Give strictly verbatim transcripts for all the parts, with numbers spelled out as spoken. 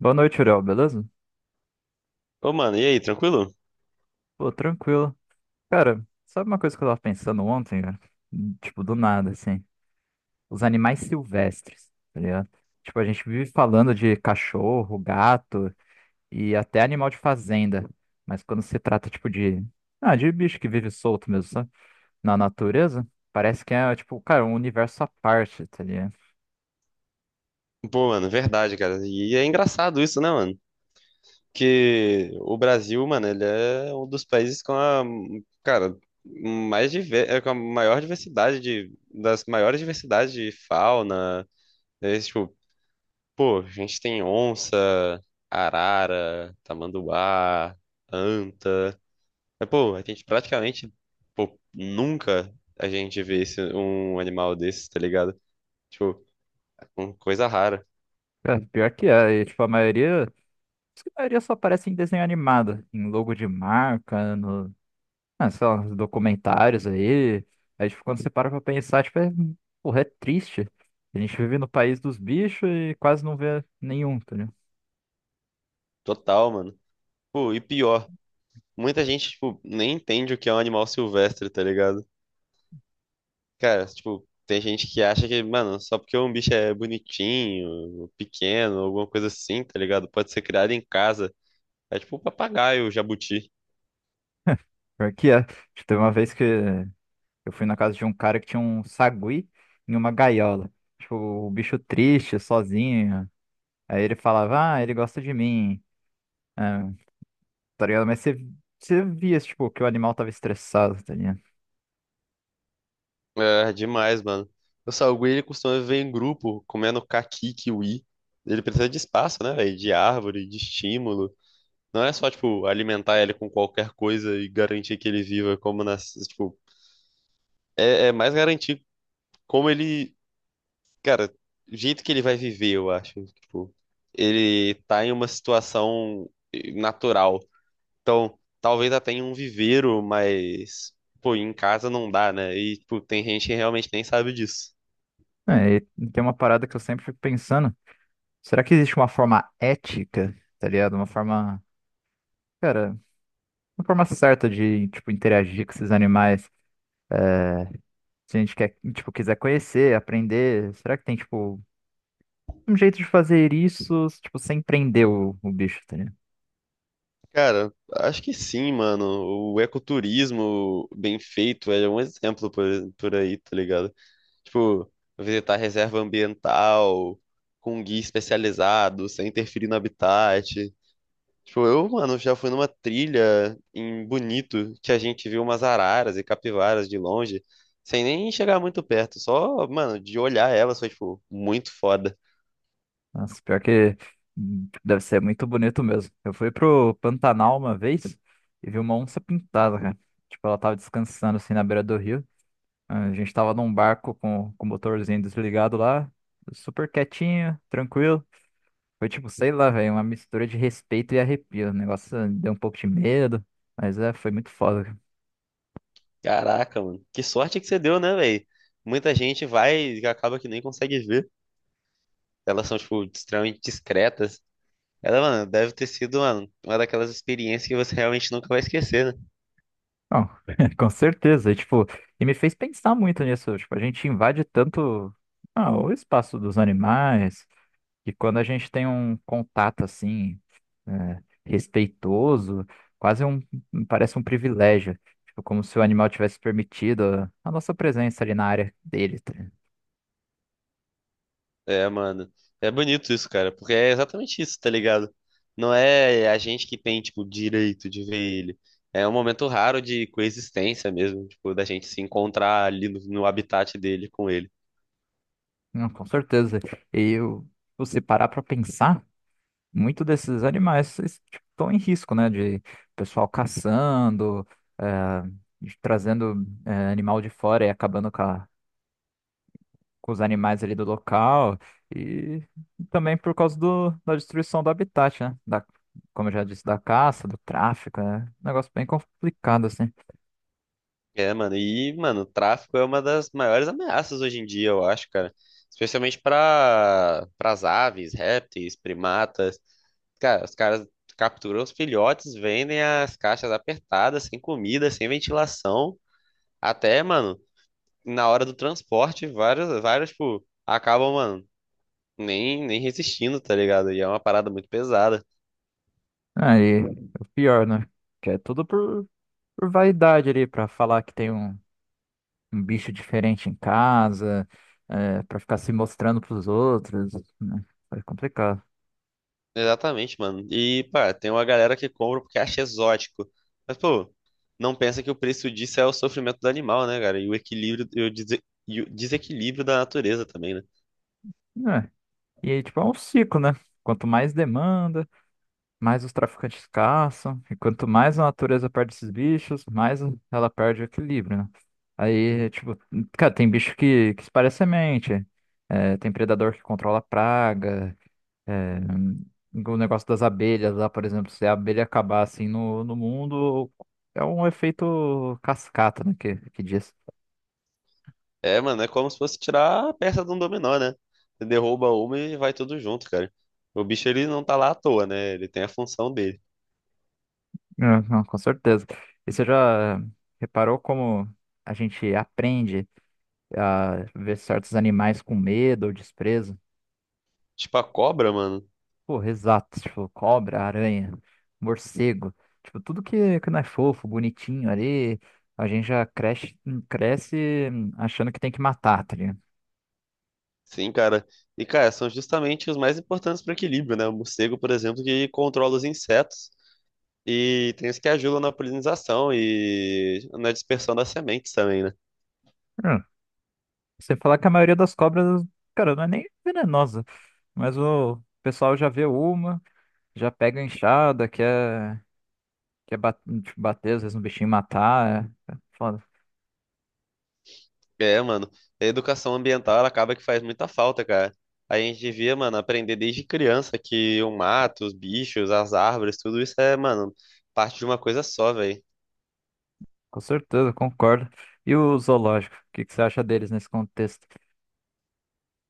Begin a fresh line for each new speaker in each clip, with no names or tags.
Boa noite, Uriel, beleza?
Ô, mano, e aí, tranquilo?
Pô, tranquilo. Cara, sabe uma coisa que eu tava pensando ontem, cara? Hum, Tipo, do nada, assim. Os animais silvestres, tá ligado? Tipo, a gente vive falando de cachorro, gato e até animal de fazenda. Mas quando se trata, tipo, de... Ah, de bicho que vive solto mesmo, sabe? Na natureza, parece que é, tipo, cara, um universo à parte, tá ligado?
Pô, mano, verdade, cara. E é engraçado isso, né, mano? Que o Brasil, mano, ele é um dos países com a, cara, mais diver... é, com a maior diversidade de... das maiores diversidades de fauna. É, tipo, pô, a gente tem onça, arara, tamanduá, anta. Mas, pô, a gente praticamente, pô, nunca a gente vê esse... um animal desses, tá ligado? Tipo, uma coisa rara.
Cara, pior que é. E, tipo, a maioria... Acho que a maioria só aparece em desenho animado. Em logo de marca, ah, sei lá, uns documentários aí. Aí, tipo, quando você para pra pensar, tipo, é, porra, é triste. A gente vive no país dos bichos e quase não vê nenhum, tá ligado?
Total, mano. Pô, e pior, muita gente, tipo, nem entende o que é um animal silvestre, tá ligado? Cara, tipo, tem gente que acha que, mano, só porque um bicho é bonitinho, pequeno, alguma coisa assim, tá ligado? Pode ser criado em casa. É tipo um papagaio, o jabuti.
Pior que é. Tipo, teve uma vez que eu fui na casa de um cara que tinha um sagui em uma gaiola. Tipo, o bicho triste, sozinho. Aí ele falava, ah, ele gosta de mim. Ah, tá ligado? Mas você, você via, tipo, que o animal tava estressado, tá ligado?
É, demais, mano. O salgueiro, ele costuma viver em grupo, comendo caqui, kiwi. Ele precisa de espaço, né, velho? De árvore, de estímulo. Não é só, tipo, alimentar ele com qualquer coisa e garantir que ele viva como nas, tipo, é é mais garantir como ele. Cara, o jeito que ele vai viver, eu acho. Tipo, ele tá em uma situação eh, natural. Então, talvez até em um viveiro, mas, pô, em casa não dá, né? E, tipo, tem gente que realmente nem sabe disso.
É, e tem uma parada que eu sempre fico pensando. Será que existe uma forma ética, tá ligado? Uma forma. Cara, uma forma certa de, tipo, interagir com esses animais. É, se a gente quer, tipo, quiser conhecer, aprender, será que tem, tipo, um jeito de fazer isso, tipo, sem prender o, o bicho, tá ligado?
Cara, acho que sim, mano. O ecoturismo bem feito é um exemplo por, por aí, tá ligado? Tipo, visitar reserva ambiental, com guia especializado, sem interferir no habitat. Tipo, eu, mano, já fui numa trilha em Bonito que a gente viu umas araras e capivaras de longe, sem nem chegar muito perto, só, mano, de olhar elas foi, tipo, muito foda.
Nossa, pior que hum, deve ser muito bonito mesmo. Eu fui pro Pantanal uma vez e vi uma onça pintada, cara. Tipo, ela tava descansando, assim, na beira do rio. A gente tava num barco com, com o motorzinho desligado lá, super quietinho, tranquilo. Foi tipo, sei lá, velho, uma mistura de respeito e arrepio. O negócio deu um pouco de medo, mas é, foi muito foda.
Caraca, mano, que sorte que você deu, né, velho? Muita gente vai e acaba que nem consegue ver. Elas são, tipo, extremamente discretas. Ela, mano, deve ter sido, mano, uma daquelas experiências que você realmente nunca vai esquecer, né?
Não, com certeza. E, tipo, e me fez pensar muito nisso. Tipo, a gente invade tanto, ah, o espaço dos animais, e quando a gente tem um contato assim, é, respeitoso, quase um, parece um privilégio. Tipo, como se o animal tivesse permitido a a nossa presença ali na área dele, tá ligado?
É, mano. É bonito isso, cara, porque é exatamente isso, tá ligado? Não é a gente que tem, tipo, direito de ver ele. É um momento raro de coexistência mesmo, tipo, da gente se encontrar ali no, no habitat dele com ele.
Não, com certeza. E eu, você parar pra pensar. Muito desses animais estão em risco, né? De pessoal caçando, eh, de- trazendo eh, animal de fora e acabando com, a- com os animais ali do local. E também por causa do, da destruição do habitat, né? Da, como eu já disse, da caça, do tráfico, né? Negócio bem complicado, assim.
É, mano, e, mano, o tráfico é uma das maiores ameaças hoje em dia, eu acho, cara. Especialmente para as aves, répteis, primatas. Cara, os caras capturam os filhotes, vendem as caixas apertadas, sem comida, sem ventilação. Até, mano, na hora do transporte, várias, várias, tipo, acabam, mano, nem, nem resistindo, tá ligado? E é uma parada muito pesada.
Aí, o pior, né? Que é tudo por, por vaidade ali, pra falar que tem um. Um bicho diferente em casa, é, para ficar se mostrando pros outros, né? É complicado.
Exatamente, mano. E, pá, tem uma galera que compra porque acha exótico. Mas, pô, não pensa que o preço disso é o sofrimento do animal, né, cara? E o equilíbrio, e o, dese- e o desequilíbrio da natureza também, né?
É. E aí, tipo, é um ciclo, né? Quanto mais demanda, mais os traficantes caçam, e quanto mais a natureza perde esses bichos, mais ela perde o equilíbrio, né? Aí, tipo, cara, tem bicho que, que espalha semente, é, tem predador que controla a praga. É, o negócio das abelhas lá, por exemplo, se a abelha acabar assim no, no mundo, é um efeito cascata, né? Que, que diz.
É, mano, é como se fosse tirar a peça de um dominó, né? Você derruba uma e vai tudo junto, cara. O bicho, ele não tá lá à toa, né? Ele tem a função dele.
É, não, com certeza. E você já reparou como a gente aprende a ver certos animais com medo ou desprezo?
Tipo, a cobra, mano.
Pô, exato, tipo, cobra, aranha, morcego, tipo, tudo que, que não é fofo, bonitinho ali, a gente já cresce, cresce achando que tem que matar, tá ligado?
Sim, cara. E, cara, são justamente os mais importantes para o equilíbrio, né? O morcego, por exemplo, que controla os insetos e tem os que ajudam na polinização e na dispersão das sementes também, né?
Você falar que a maioria das cobras, cara, não é nem venenosa. Mas o pessoal já vê uma, já pega a enxada, quer, quer bat- tipo, bater, às vezes, um bichinho e matar. É, é foda.
É, mano. A educação ambiental, ela acaba que faz muita falta, cara. A gente devia, mano, aprender desde criança que o mato, os bichos, as árvores, tudo isso é, mano, parte de uma coisa só, velho.
Com certeza, concordo. E o zoológico, o que que você acha deles nesse contexto?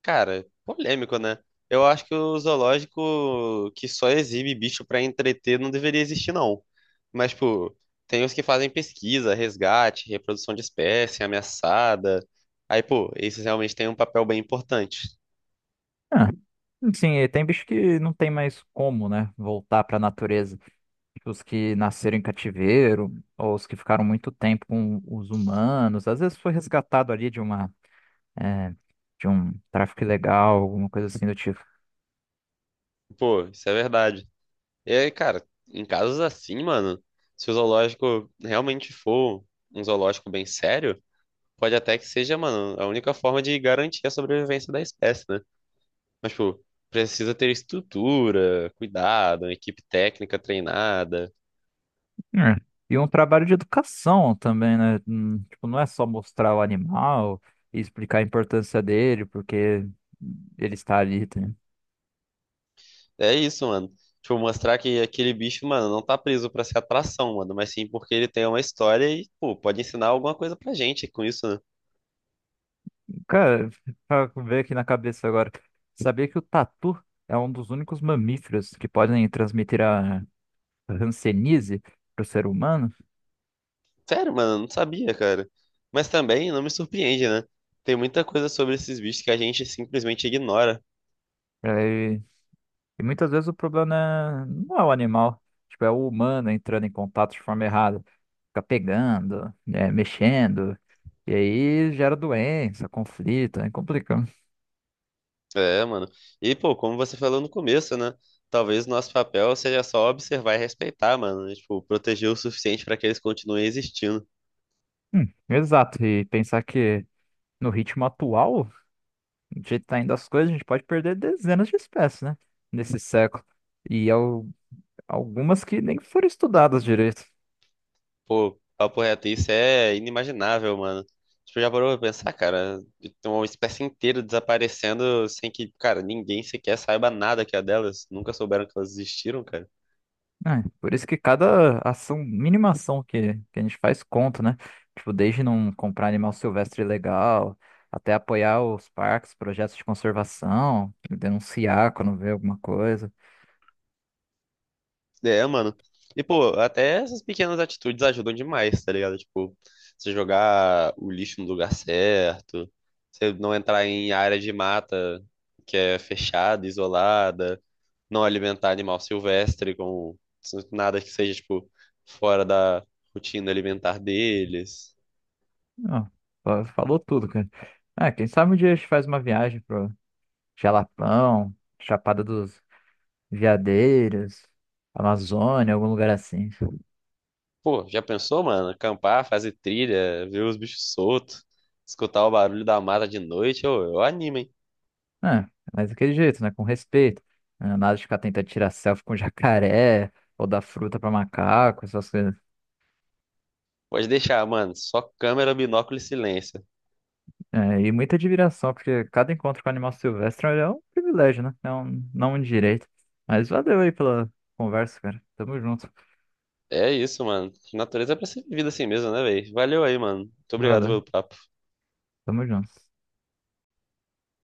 Cara, polêmico, né? Eu acho que o zoológico que só exibe bicho pra entreter não deveria existir, não. Mas, tipo, tem os que fazem pesquisa, resgate, reprodução de espécie ameaçada. Aí, pô, esses realmente têm um papel bem importante.
Ah, sim, e tem bicho que não tem mais como, né, voltar pra natureza. Tipo, os que nasceram em cativeiro, ou os que ficaram muito tempo com os humanos. Às vezes foi resgatado ali de uma. É, de um tráfico ilegal, alguma coisa assim do tipo.
Pô, isso é verdade. E aí, cara, em casos assim, mano, se o zoológico realmente for um zoológico bem sério, pode até que seja, mano, a única forma de garantir a sobrevivência da espécie, né? Mas, tipo, precisa ter estrutura, cuidado, uma equipe técnica treinada.
É. E um trabalho de educação também, né? Hum, Tipo, não é só mostrar o animal e explicar a importância dele, porque ele está ali, tá?
É isso, mano. Tipo, mostrar que aquele bicho, mano, não tá preso pra ser atração, mano, mas sim porque ele tem uma história e, pô, pode ensinar alguma coisa pra gente com isso, né?
Cara, pra ver aqui na cabeça agora. Sabia que o tatu é um dos únicos mamíferos que podem transmitir a hanseníase para o ser humano?
Sério, mano, eu não sabia, cara. Mas também não me surpreende, né? Tem muita coisa sobre esses bichos que a gente simplesmente ignora.
É, e muitas vezes o problema é- não é o animal, tipo, é o humano entrando em contato de forma errada. Fica pegando, né, mexendo, e aí gera doença, conflito, é complicado.
É, mano. E, pô, como você falou no começo, né? Talvez nosso papel seja só observar e respeitar, mano, né? Tipo, proteger o suficiente pra que eles continuem existindo.
Hum, exato, e pensar que no ritmo atual, do jeito que tá indo as coisas, a gente pode perder dezenas de espécies, né, nesse século. E al- algumas que nem foram estudadas direito.
Pô, papo reto, isso é inimaginável, mano. Tipo, já parou pra pensar, cara? Tem uma espécie inteira desaparecendo sem que, cara, ninguém sequer saiba nada que é delas. Nunca souberam que elas existiram, cara.
É, por isso que cada ação, mínima ação que, que a gente faz conta, né? Tipo, desde não comprar animal silvestre ilegal, até apoiar os parques, projetos de conservação, denunciar quando vê alguma coisa.
É, mano. E, pô, até essas pequenas atitudes ajudam demais, tá ligado? Tipo, você jogar o lixo no lugar certo, você não entrar em área de mata que é fechada, isolada. Não alimentar animal silvestre com nada que seja, tipo, fora da rotina alimentar deles.
Não, fa- falou tudo, cara. Ah, quem sabe um dia a gente faz uma viagem pro Jalapão, Chapada dos Veadeiros, Amazônia, algum lugar assim.
Pô, já pensou, mano? Acampar, fazer trilha, ver os bichos soltos, escutar o barulho da mata de noite, eu, eu animo, hein?
É, mas daquele jeito, né? Com respeito. É, nada de ficar tentando tirar selfie com jacaré ou dar fruta pra macaco, essas coisas.
Pode deixar, mano. Só câmera, binóculo e silêncio.
É, e muita admiração, porque cada encontro com animal silvestre é um privilégio, né? É um, não um direito. Mas valeu aí pela conversa, cara. Tamo junto.
É isso, mano. Natureza é pra ser vivida assim mesmo, né, velho? Valeu aí, mano. Muito obrigado
Valeu,
pelo papo.
tamo junto.